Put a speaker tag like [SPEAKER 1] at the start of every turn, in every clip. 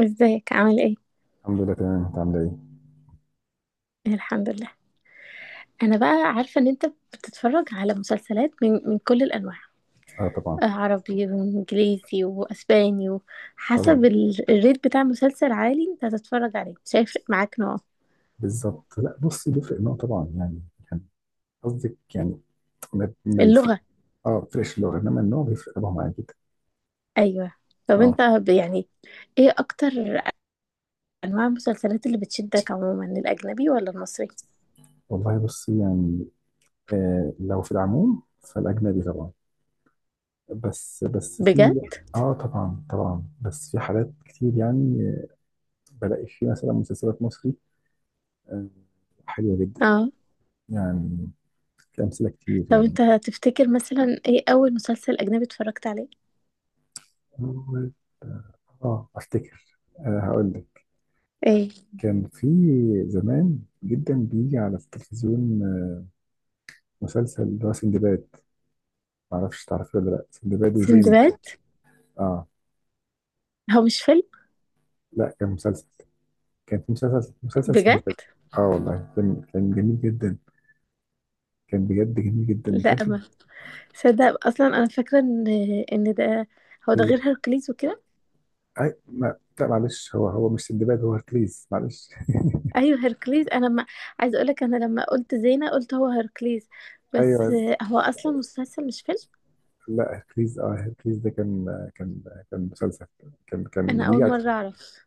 [SPEAKER 1] ازيك عامل ايه؟
[SPEAKER 2] الحمد لله، تمام. انت عامله ايه؟
[SPEAKER 1] الحمد لله. انا بقى عارفه ان انت بتتفرج على مسلسلات من كل الانواع.
[SPEAKER 2] اه، طبعا
[SPEAKER 1] آه، عربي وانجليزي واسباني، وحسب
[SPEAKER 2] طبعا.
[SPEAKER 1] الريت بتاع مسلسل عالي انت هتتفرج عليه، مش هيفرق معاك نوعه.
[SPEAKER 2] بالظبط. لا، بص، بيفرق النوع طبعا يعني. كان قصدك يعني ما بيفرق.
[SPEAKER 1] اللغه.
[SPEAKER 2] اه، بيفرقش اللغه، انما النوع بيفرق طبعا معايا جدا.
[SPEAKER 1] ايوه. طب
[SPEAKER 2] اه
[SPEAKER 1] انت يعني ايه اكتر انواع المسلسلات اللي بتشدك عموما، الاجنبي ولا المصري؟
[SPEAKER 2] والله بص يعني. لو في العموم فالاجنبي طبعا. بس
[SPEAKER 1] بجد؟
[SPEAKER 2] في... اه طبعا طبعا، بس في حالات كتير يعني، بلاقي في مثلا مسلسلات مصري، آه حلوه جدا
[SPEAKER 1] اه.
[SPEAKER 2] يعني. في امثله كتير
[SPEAKER 1] طب
[SPEAKER 2] يعني.
[SPEAKER 1] انت تفتكر مثلا ايه اول مسلسل اجنبي اتفرجت عليه؟
[SPEAKER 2] اه افتكر، هقول لك.
[SPEAKER 1] ايه؟
[SPEAKER 2] كان في زمان جدا بيجي على التلفزيون، مسلسل اللي هو سندباد. معرفش تعرفيه ولا لا. سندباد وزينة.
[SPEAKER 1] سندباد.
[SPEAKER 2] اه.
[SPEAKER 1] هو مش فيلم؟
[SPEAKER 2] لا، كان مسلسل. كان في مسلسل
[SPEAKER 1] بجد؟
[SPEAKER 2] سندباد. اه والله، كان جميل جدا. كان بجد جميل جدا،
[SPEAKER 1] لا،
[SPEAKER 2] وكان في...
[SPEAKER 1] ما صدق اصلا. انا فاكره ان ده، هو ده
[SPEAKER 2] لا،
[SPEAKER 1] غير هيركليز وكده.
[SPEAKER 2] أي... ما... لا معلش، هو مش سندباد، هو هركليز، معلش.
[SPEAKER 1] ايوه، هيركليز. انا ما عايزه اقول لك، انا لما قلت زينه قلت هو هيركليز. بس
[SPEAKER 2] ايوه.
[SPEAKER 1] هو اصلا مسلسل مش فيلم.
[SPEAKER 2] لا، هركليز ده كان كان مسلسل. كان
[SPEAKER 1] انا
[SPEAKER 2] بيجي
[SPEAKER 1] اول
[SPEAKER 2] على...
[SPEAKER 1] مره اعرف.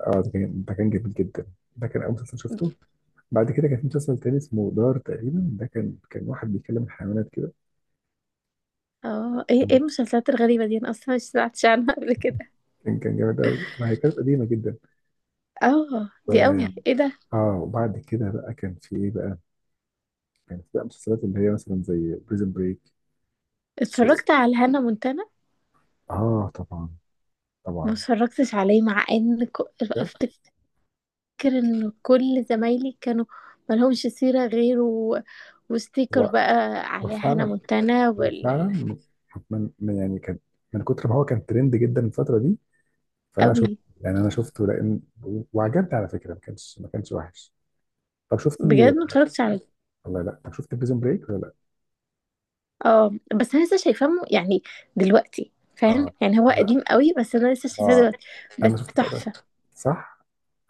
[SPEAKER 2] اه، ده كان جميل جدا. ده كان اول مسلسل شفته. بعد كده كان في مسلسل تاني اسمه دار تقريبا، ده كان واحد بيكلم الحيوانات كده.
[SPEAKER 1] اه. ايه
[SPEAKER 2] كان
[SPEAKER 1] المسلسلات الغريبه دي؟ انا اصلا مش سمعتش عنها قبل كده.
[SPEAKER 2] كان جامد قوي، ما هي كانت قديمه جدا.
[SPEAKER 1] اه،
[SPEAKER 2] و...
[SPEAKER 1] دي قوي. ايه ده؟
[SPEAKER 2] اه، وبعد كده بقى كان في ايه بقى. كان في بقى مسلسلات اللي هي مثلا زي بريزن بريك. شو.
[SPEAKER 1] اتفرجت على هانا مونتانا.
[SPEAKER 2] اه طبعا
[SPEAKER 1] ما
[SPEAKER 2] طبعا.
[SPEAKER 1] اتفرجتش عليه.
[SPEAKER 2] بجد.
[SPEAKER 1] افتكر ان كل زمايلي كانوا ملهمش سيره غيره وستيكر
[SPEAKER 2] هو
[SPEAKER 1] بقى
[SPEAKER 2] هو
[SPEAKER 1] على هانا
[SPEAKER 2] فعلا،
[SPEAKER 1] مونتانا.
[SPEAKER 2] هو فعلا يعني كان من كتر ما هو كان ترند جدا الفتره دي، فانا
[SPEAKER 1] قوي.
[SPEAKER 2] شفت. يعني انا شفته، لان وعجبني على فكره، ما كانش وحش. طب
[SPEAKER 1] بجد
[SPEAKER 2] شفتي.
[SPEAKER 1] ما اتفرجتش عليه.
[SPEAKER 2] لا لا، طب شفت بريزون بريك ولا لا؟
[SPEAKER 1] اه بس انا لسه شايفاه يعني دلوقتي، فاهم؟
[SPEAKER 2] اه.
[SPEAKER 1] يعني هو
[SPEAKER 2] لا،
[SPEAKER 1] قديم قوي بس انا لسه شايفاه
[SPEAKER 2] اه،
[SPEAKER 1] دلوقتي. بس
[SPEAKER 2] انا شفت الفرق ده،
[SPEAKER 1] تحفة.
[SPEAKER 2] صح؟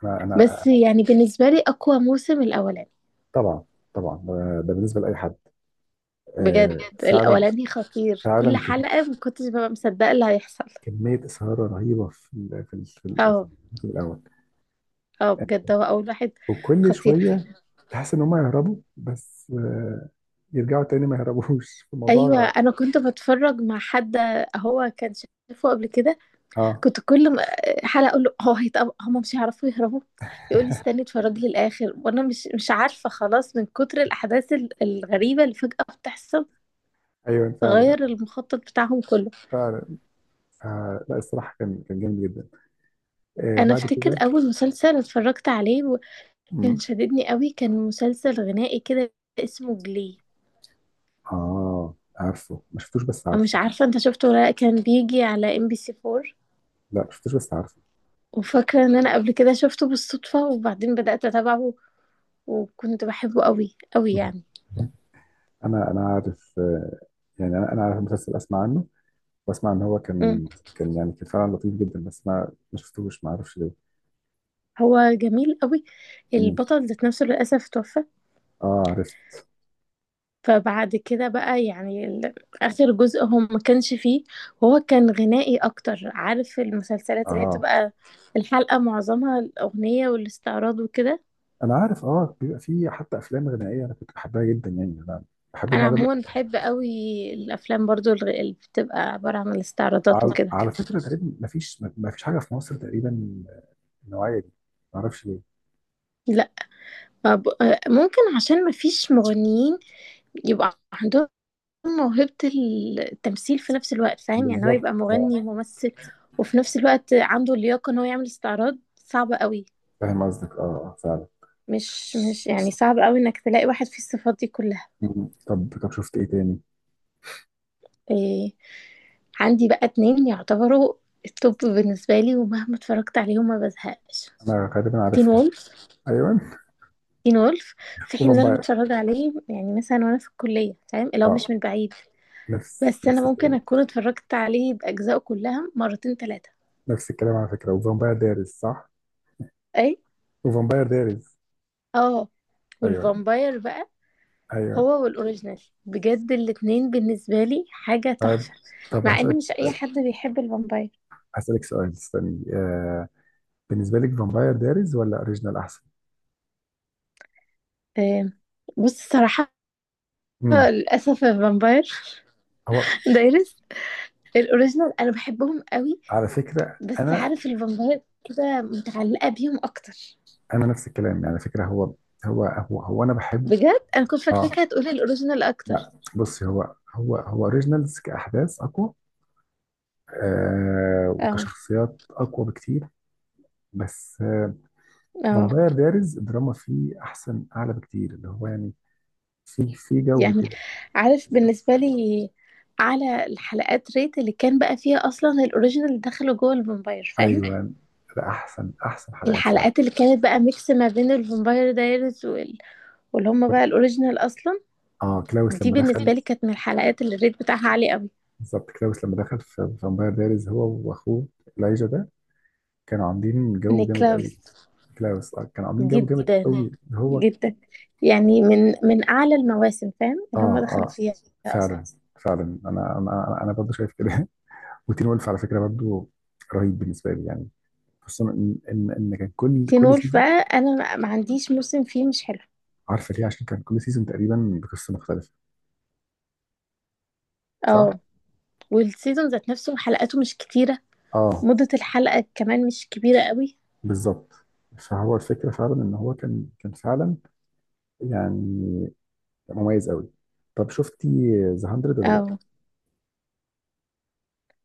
[SPEAKER 2] انا
[SPEAKER 1] بس
[SPEAKER 2] انا
[SPEAKER 1] يعني بالنسبة لي اقوى موسم الاولاني.
[SPEAKER 2] طبعا طبعا، ده بالنسبه لاي حد. آه،
[SPEAKER 1] بجد.
[SPEAKER 2] فعلا
[SPEAKER 1] الاولاني خطير، كل
[SPEAKER 2] فعلا.
[SPEAKER 1] حلقة ما كنتش ببقى مصدقة اللي هيحصل.
[SPEAKER 2] كميه اثاره رهيبه في
[SPEAKER 1] اه
[SPEAKER 2] الموسم الاول.
[SPEAKER 1] اه، بجد هو اول واحد
[SPEAKER 2] وكل
[SPEAKER 1] خطير.
[SPEAKER 2] شويه تحس ان هم يهربوا، بس، يرجعوا تاني، ما يهربوش في
[SPEAKER 1] ايوه،
[SPEAKER 2] الموضوع.
[SPEAKER 1] انا كنت بتفرج مع حد هو كان شايفه قبل كده.
[SPEAKER 2] اه
[SPEAKER 1] كنت كل حلقة اقول له هو هم مش هيعرفوا يهربوا. يقول لي استني اتفرج لي الاخر، وانا مش عارفة خلاص من كتر الاحداث الغريبة اللي فجأة بتحصل،
[SPEAKER 2] ايوه، فعلا
[SPEAKER 1] غير المخطط بتاعهم كله.
[SPEAKER 2] فعلا. آه لا، الصراحه كان جامد جدا. آه
[SPEAKER 1] انا
[SPEAKER 2] بعد
[SPEAKER 1] افتكر
[SPEAKER 2] كده.
[SPEAKER 1] اول مسلسل اتفرجت عليه وكان
[SPEAKER 2] مم.
[SPEAKER 1] شددني قوي كان مسلسل غنائي كده، اسمه جلي.
[SPEAKER 2] اه، عارفه، ما شفتوش، بس
[SPEAKER 1] انا مش
[SPEAKER 2] عارفه.
[SPEAKER 1] عارفة انت شفته ولا لأ، كان بيجي على ام بي سي 4.
[SPEAKER 2] لا، ما شفتوش، بس عارفه.
[SPEAKER 1] وفاكرة ان انا قبل كده شفته بالصدفة وبعدين بدأت اتابعه، وكنت بحبه قوي قوي يعني.
[SPEAKER 2] انا عارف، يعني انا عارف المسلسل، اسمع عنه واسمع ان هو كان... كان يعني كان فعلا لطيف جدا، بس انا ما شفتوش، ما اعرفش ليه.
[SPEAKER 1] هو جميل قوي.
[SPEAKER 2] مم.
[SPEAKER 1] البطل ذات نفسه للأسف توفى.
[SPEAKER 2] اه، عرفت.
[SPEAKER 1] فبعد كده بقى يعني آخر جزء هو ما كانش فيه. وهو كان غنائي أكتر، عارف المسلسلات اللي هي
[SPEAKER 2] اه،
[SPEAKER 1] بتبقى الحلقة معظمها الأغنية والاستعراض وكده.
[SPEAKER 2] انا عارف، بيبقى فيه حتى افلام غنائيه، انا كنت بحبها جدا يعني. انا بحب
[SPEAKER 1] أنا
[SPEAKER 2] النوع ده.
[SPEAKER 1] عموما بحب قوي الأفلام برضو، اللي بتبقى عبارة عن الاستعراضات
[SPEAKER 2] على,
[SPEAKER 1] وكده.
[SPEAKER 2] على فكره تقريبا ما فيش حاجه في مصر تقريبا النوعيه دي. ما اعرفش ليه.
[SPEAKER 1] لا، ما ممكن عشان ما فيش مغنيين يبقى عندهم موهبة التمثيل في نفس الوقت، فاهم؟ يعني هو
[SPEAKER 2] بالظبط.
[SPEAKER 1] يبقى
[SPEAKER 2] اه،
[SPEAKER 1] مغني وممثل، وفي نفس الوقت عنده اللياقة ان هو يعمل استعراض، صعبة قوي.
[SPEAKER 2] فاهم قصدك، فعلا.
[SPEAKER 1] مش يعني صعب قوي انك تلاقي واحد فيه الصفات دي كلها.
[SPEAKER 2] مم. طب شفت ايه تاني.
[SPEAKER 1] إيه؟ عندي بقى اتنين يعتبروا التوب بالنسبة لي، ومهما اتفرجت عليهم ما بزهقش.
[SPEAKER 2] انا غالبا
[SPEAKER 1] تين
[SPEAKER 2] عارفهم.
[SPEAKER 1] وولف.
[SPEAKER 2] ايوه.
[SPEAKER 1] تين وولف، في حين ان انا
[SPEAKER 2] وفامباير.
[SPEAKER 1] متفرجة عليه يعني مثلا وانا في الكلية، فاهم؟ لو
[SPEAKER 2] اه،
[SPEAKER 1] مش من بعيد.
[SPEAKER 2] نفس
[SPEAKER 1] بس انا
[SPEAKER 2] نفس
[SPEAKER 1] ممكن
[SPEAKER 2] الكلام.
[SPEAKER 1] اكون اتفرجت عليه باجزائه كلها مرتين ثلاثة.
[SPEAKER 2] نفس الكلام على فكرة. وفامباير دايريز صح؟ وفامباير دايريز.
[SPEAKER 1] اه،
[SPEAKER 2] أيوه
[SPEAKER 1] والفامباير بقى
[SPEAKER 2] أيوه.
[SPEAKER 1] هو والاوريجينال بجد الاتنين بالنسبة لي حاجة
[SPEAKER 2] طب
[SPEAKER 1] تحفة،
[SPEAKER 2] طب
[SPEAKER 1] مع ان
[SPEAKER 2] هسألك
[SPEAKER 1] مش اي حد
[SPEAKER 2] سؤال.
[SPEAKER 1] بيحب الفامباير.
[SPEAKER 2] هسألك سؤال، استني. بالنسبة لك فامباير دايريز ولا أوريجينال أحسن؟
[SPEAKER 1] آه، بص الصراحة،
[SPEAKER 2] امم.
[SPEAKER 1] للأسف الفامباير
[SPEAKER 2] هو
[SPEAKER 1] دايرس، الاوريجينال انا بحبهم قوي
[SPEAKER 2] على فكرة
[SPEAKER 1] بس،
[SPEAKER 2] أنا،
[SPEAKER 1] عارف، الفامباير كده متعلقة بيهم اكتر.
[SPEAKER 2] أنا نفس الكلام يعني على فكرة. هو هو أنا بحب.
[SPEAKER 1] بجد انا كنت
[SPEAKER 2] آه
[SPEAKER 1] فاكراك هتقولي الاوريجينال اكتر.
[SPEAKER 2] لا بصي، هو هو أوريجينالز كأحداث أقوى، آه،
[SPEAKER 1] اه
[SPEAKER 2] وكشخصيات أقوى بكتير. بس،
[SPEAKER 1] اه،
[SPEAKER 2] فامباير دايريز الدراما فيه أحسن أعلى بكتير، اللي هو يعني في جو
[SPEAKER 1] يعني
[SPEAKER 2] كده.
[SPEAKER 1] عارف، بالنسبة لي على الحلقات ريت اللي كان بقى فيها اصلا الاوريجينال دخلوا جوه الفامباير، فاهم؟
[SPEAKER 2] ايوه، ده احسن احسن حلقات فعلا.
[SPEAKER 1] الحلقات اللي كانت بقى ميكس ما بين الفامباير دايرز واللي هم بقى الاوريجينال اصلا،
[SPEAKER 2] اه، كلاوس
[SPEAKER 1] دي
[SPEAKER 2] لما
[SPEAKER 1] بالنسبه
[SPEAKER 2] دخل.
[SPEAKER 1] لي كانت من الحلقات اللي الريت بتاعها عالي قوي.
[SPEAKER 2] بالظبط، كلاوس لما دخل في فامباير دايريز، هو واخوه elijah ده، كانوا عاملين جو جامد قوي.
[SPEAKER 1] نيكلاوس.
[SPEAKER 2] كلاوس، كانوا عاملين جو جامد
[SPEAKER 1] جدا
[SPEAKER 2] قوي هو. اه
[SPEAKER 1] جدا، يعني من اعلى المواسم، فاهم؟ اللي هم دخلوا
[SPEAKER 2] اه
[SPEAKER 1] فيها اصلا.
[SPEAKER 2] فعلا فعلا. انا برضه شايف كده. وتين وولف على فكره برضه رهيب بالنسبه لي يعني، خصوصا ان كان كل
[SPEAKER 1] تين
[SPEAKER 2] كل
[SPEAKER 1] وولف
[SPEAKER 2] سيزون...
[SPEAKER 1] بقى انا ما عنديش موسم فيه مش حلو.
[SPEAKER 2] عارفه ليه؟ عشان كان كل سيزون تقريبا بقصه مختلفه، صح؟
[SPEAKER 1] اه، والسيزون ذات نفسه حلقاته مش كتيره،
[SPEAKER 2] اه
[SPEAKER 1] مده الحلقه كمان مش كبيره قوي.
[SPEAKER 2] بالظبط. فهو الفكرة فعلا ان هو كان فعلا يعني مميز قوي. طب شفتي ذا 100 ولا لا؟
[SPEAKER 1] اه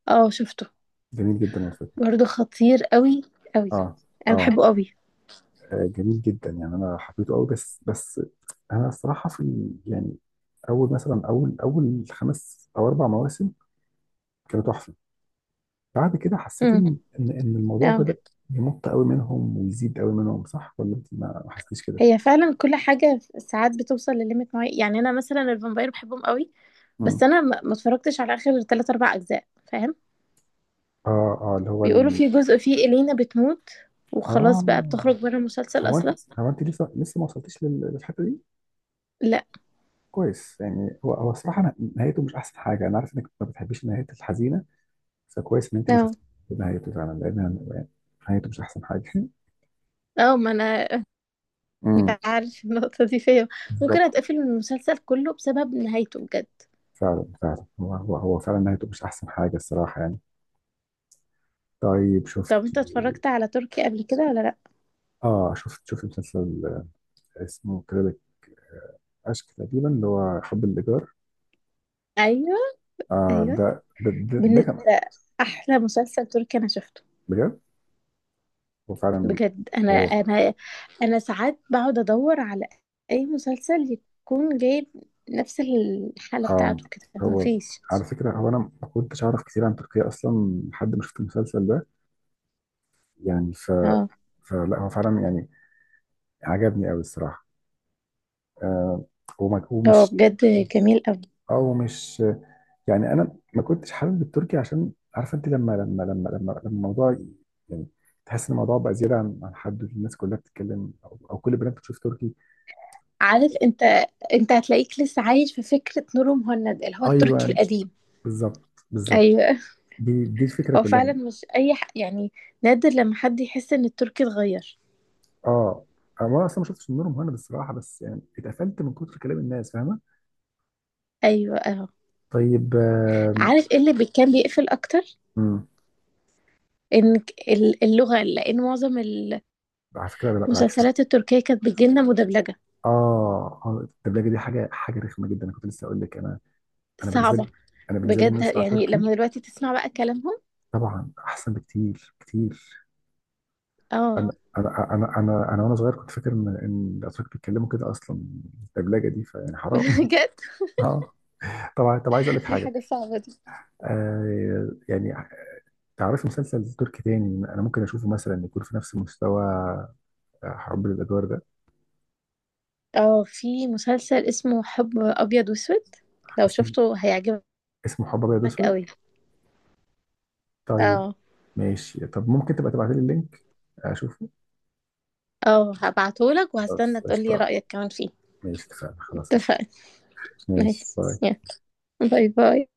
[SPEAKER 1] اه، شفته.
[SPEAKER 2] جميل جدا على فكرة.
[SPEAKER 1] برضه خطير قوي قوي.
[SPEAKER 2] اه
[SPEAKER 1] انا
[SPEAKER 2] اه،
[SPEAKER 1] بحبه قوي.
[SPEAKER 2] جميل جدا يعني، انا حبيته قوي، بس انا الصراحة يعني اول مثلا اول خمس او اربع مواسم كانوا تحفة. بعد كده حسيت
[SPEAKER 1] امم
[SPEAKER 2] ان، إن الموضوع
[SPEAKER 1] اه
[SPEAKER 2] بدأ يمط قوي منهم ويزيد قوي منهم. صح ولا انت ما حسيتيش كده؟
[SPEAKER 1] هي فعلا كل حاجة ساعات بتوصل لليميت معين. يعني أنا مثلا الفامباير بحبهم قوي بس
[SPEAKER 2] امم.
[SPEAKER 1] أنا ما اتفرجتش على آخر تلات أربع أجزاء، فاهم؟
[SPEAKER 2] اه اه، اللي هو.
[SPEAKER 1] بيقولوا في جزء فيه إلينا بتموت، وخلاص
[SPEAKER 2] اه،
[SPEAKER 1] بقى بتخرج بره المسلسل
[SPEAKER 2] هو انت
[SPEAKER 1] أصلا.
[SPEAKER 2] هو انت لسه ما وصلتيش للحته دي.
[SPEAKER 1] لا.
[SPEAKER 2] كويس، يعني هو الصراحه، نهايته مش احسن حاجه، انا عارف انك ما بتحبيش النهايات الحزينه، فكويس ان انت ما
[SPEAKER 1] اه
[SPEAKER 2] شفتيش نهايته، فعلا لان. يعني نهايته مش احسن حاجه
[SPEAKER 1] اه، ما أنا
[SPEAKER 2] امم.
[SPEAKER 1] أنت عارف النقطة دي فيا، ممكن
[SPEAKER 2] بالظبط.
[SPEAKER 1] أتقفل من المسلسل كله بسبب نهايته بجد.
[SPEAKER 2] فعلا فعلا، هو فعلا نهايته مش احسن حاجه الصراحه يعني. طيب
[SPEAKER 1] طب
[SPEAKER 2] شفت.
[SPEAKER 1] أنت اتفرجت على تركي قبل كده ولا لأ؟
[SPEAKER 2] اه، شفت مسلسل، اسمه كريدت اشك تقريبا، اللي هو حب الايجار.
[SPEAKER 1] أيوه
[SPEAKER 2] آه،
[SPEAKER 1] أيوه،
[SPEAKER 2] ده كان...
[SPEAKER 1] بالنسبة أحلى مسلسل تركي أنا شفته.
[SPEAKER 2] بجد. هو فعلا.
[SPEAKER 1] بجد انا
[SPEAKER 2] هو
[SPEAKER 1] انا انا ساعات بقعد ادور على اي مسلسل يكون جايب نفس الحالة
[SPEAKER 2] آه
[SPEAKER 1] بتاعته كده،
[SPEAKER 2] هو
[SPEAKER 1] مفيش.
[SPEAKER 2] على فكرة، هو أنا ما كنتش أعرف كتير عن تركيا أصلا لحد ما شفت المسلسل ده. يعني.
[SPEAKER 1] اه،
[SPEAKER 2] فلا هو فعلا يعني عجبني أوي الصراحة. آه
[SPEAKER 1] هو
[SPEAKER 2] ومش...
[SPEAKER 1] بجد جميل قوي.
[SPEAKER 2] أو مش يعني أنا ما كنتش حابب التركي، عشان عارفة، أنت لما الموضوع يعني تحس إن الموضوع بقى زيادة عن حد، الناس كلها بتتكلم، أو كل البنات بتشوف تركي.
[SPEAKER 1] عارف انت هتلاقيك لسه عايش في فكرة نور مهند اللي هو التركي
[SPEAKER 2] أيوه
[SPEAKER 1] القديم.
[SPEAKER 2] بالظبط بالظبط،
[SPEAKER 1] ايوه،
[SPEAKER 2] دي الفكرة
[SPEAKER 1] هو
[SPEAKER 2] كلها.
[SPEAKER 1] فعلا مش اي يعني نادر لما حد يحس ان التركي اتغير.
[SPEAKER 2] اه، انا اصلا ما شفتش النور مهند الصراحه، بس يعني اتقفلت من كتر كلام الناس، فاهمه.
[SPEAKER 1] ايوه، اه.
[SPEAKER 2] طيب.
[SPEAKER 1] عارف ايه اللي كان بيقفل اكتر؟
[SPEAKER 2] مم.
[SPEAKER 1] ان اللغة، لان معظم
[SPEAKER 2] على فكره لا، بالعكس.
[SPEAKER 1] المسلسلات التركية كانت بتجيلنا مدبلجة،
[SPEAKER 2] اه، الدبلجه دي حاجه رخمه جدا. انا كنت لسه اقول لك، انا، انا بالنسبه
[SPEAKER 1] صعبة.
[SPEAKER 2] لي انا بالنسبه لي ان
[SPEAKER 1] بجد
[SPEAKER 2] أنا اسمع
[SPEAKER 1] يعني
[SPEAKER 2] تركي،
[SPEAKER 1] لما دلوقتي تسمع بقى كلامهم.
[SPEAKER 2] طبعا احسن بكتير كتير.
[SPEAKER 1] اه،
[SPEAKER 2] انا وانا صغير كنت فاكر ان ان الاتراك بيتكلموا كده اصلا. الدبلجه دي فيعني حرام
[SPEAKER 1] بجد
[SPEAKER 2] اه طبعا. طب عايز اقول لك
[SPEAKER 1] دي
[SPEAKER 2] حاجه،
[SPEAKER 1] حاجة صعبة دي.
[SPEAKER 2] يعني تعرفي مسلسل تركي تاني انا ممكن اشوفه مثلا يكون في نفس مستوى حب الادوار ده.
[SPEAKER 1] اه، في مسلسل اسمه حب أبيض وأسود، لو
[SPEAKER 2] اسمه
[SPEAKER 1] شفته هيعجبك
[SPEAKER 2] اسمه حب ابيض اسود.
[SPEAKER 1] قوي.
[SPEAKER 2] طيب،
[SPEAKER 1] اه
[SPEAKER 2] ماشي. طب ممكن تبقى تبعت لي اللينك اشوفه.
[SPEAKER 1] اه، هبعتهولك
[SPEAKER 2] خلاص
[SPEAKER 1] وهستنى تقولي
[SPEAKER 2] قشطه.
[SPEAKER 1] رأيك كمان فيه.
[SPEAKER 2] ماشي، اتفقنا. خلاص قشطه.
[SPEAKER 1] اتفقنا.
[SPEAKER 2] ماشي،
[SPEAKER 1] نايس،
[SPEAKER 2] باي.
[SPEAKER 1] يلا. باي باي.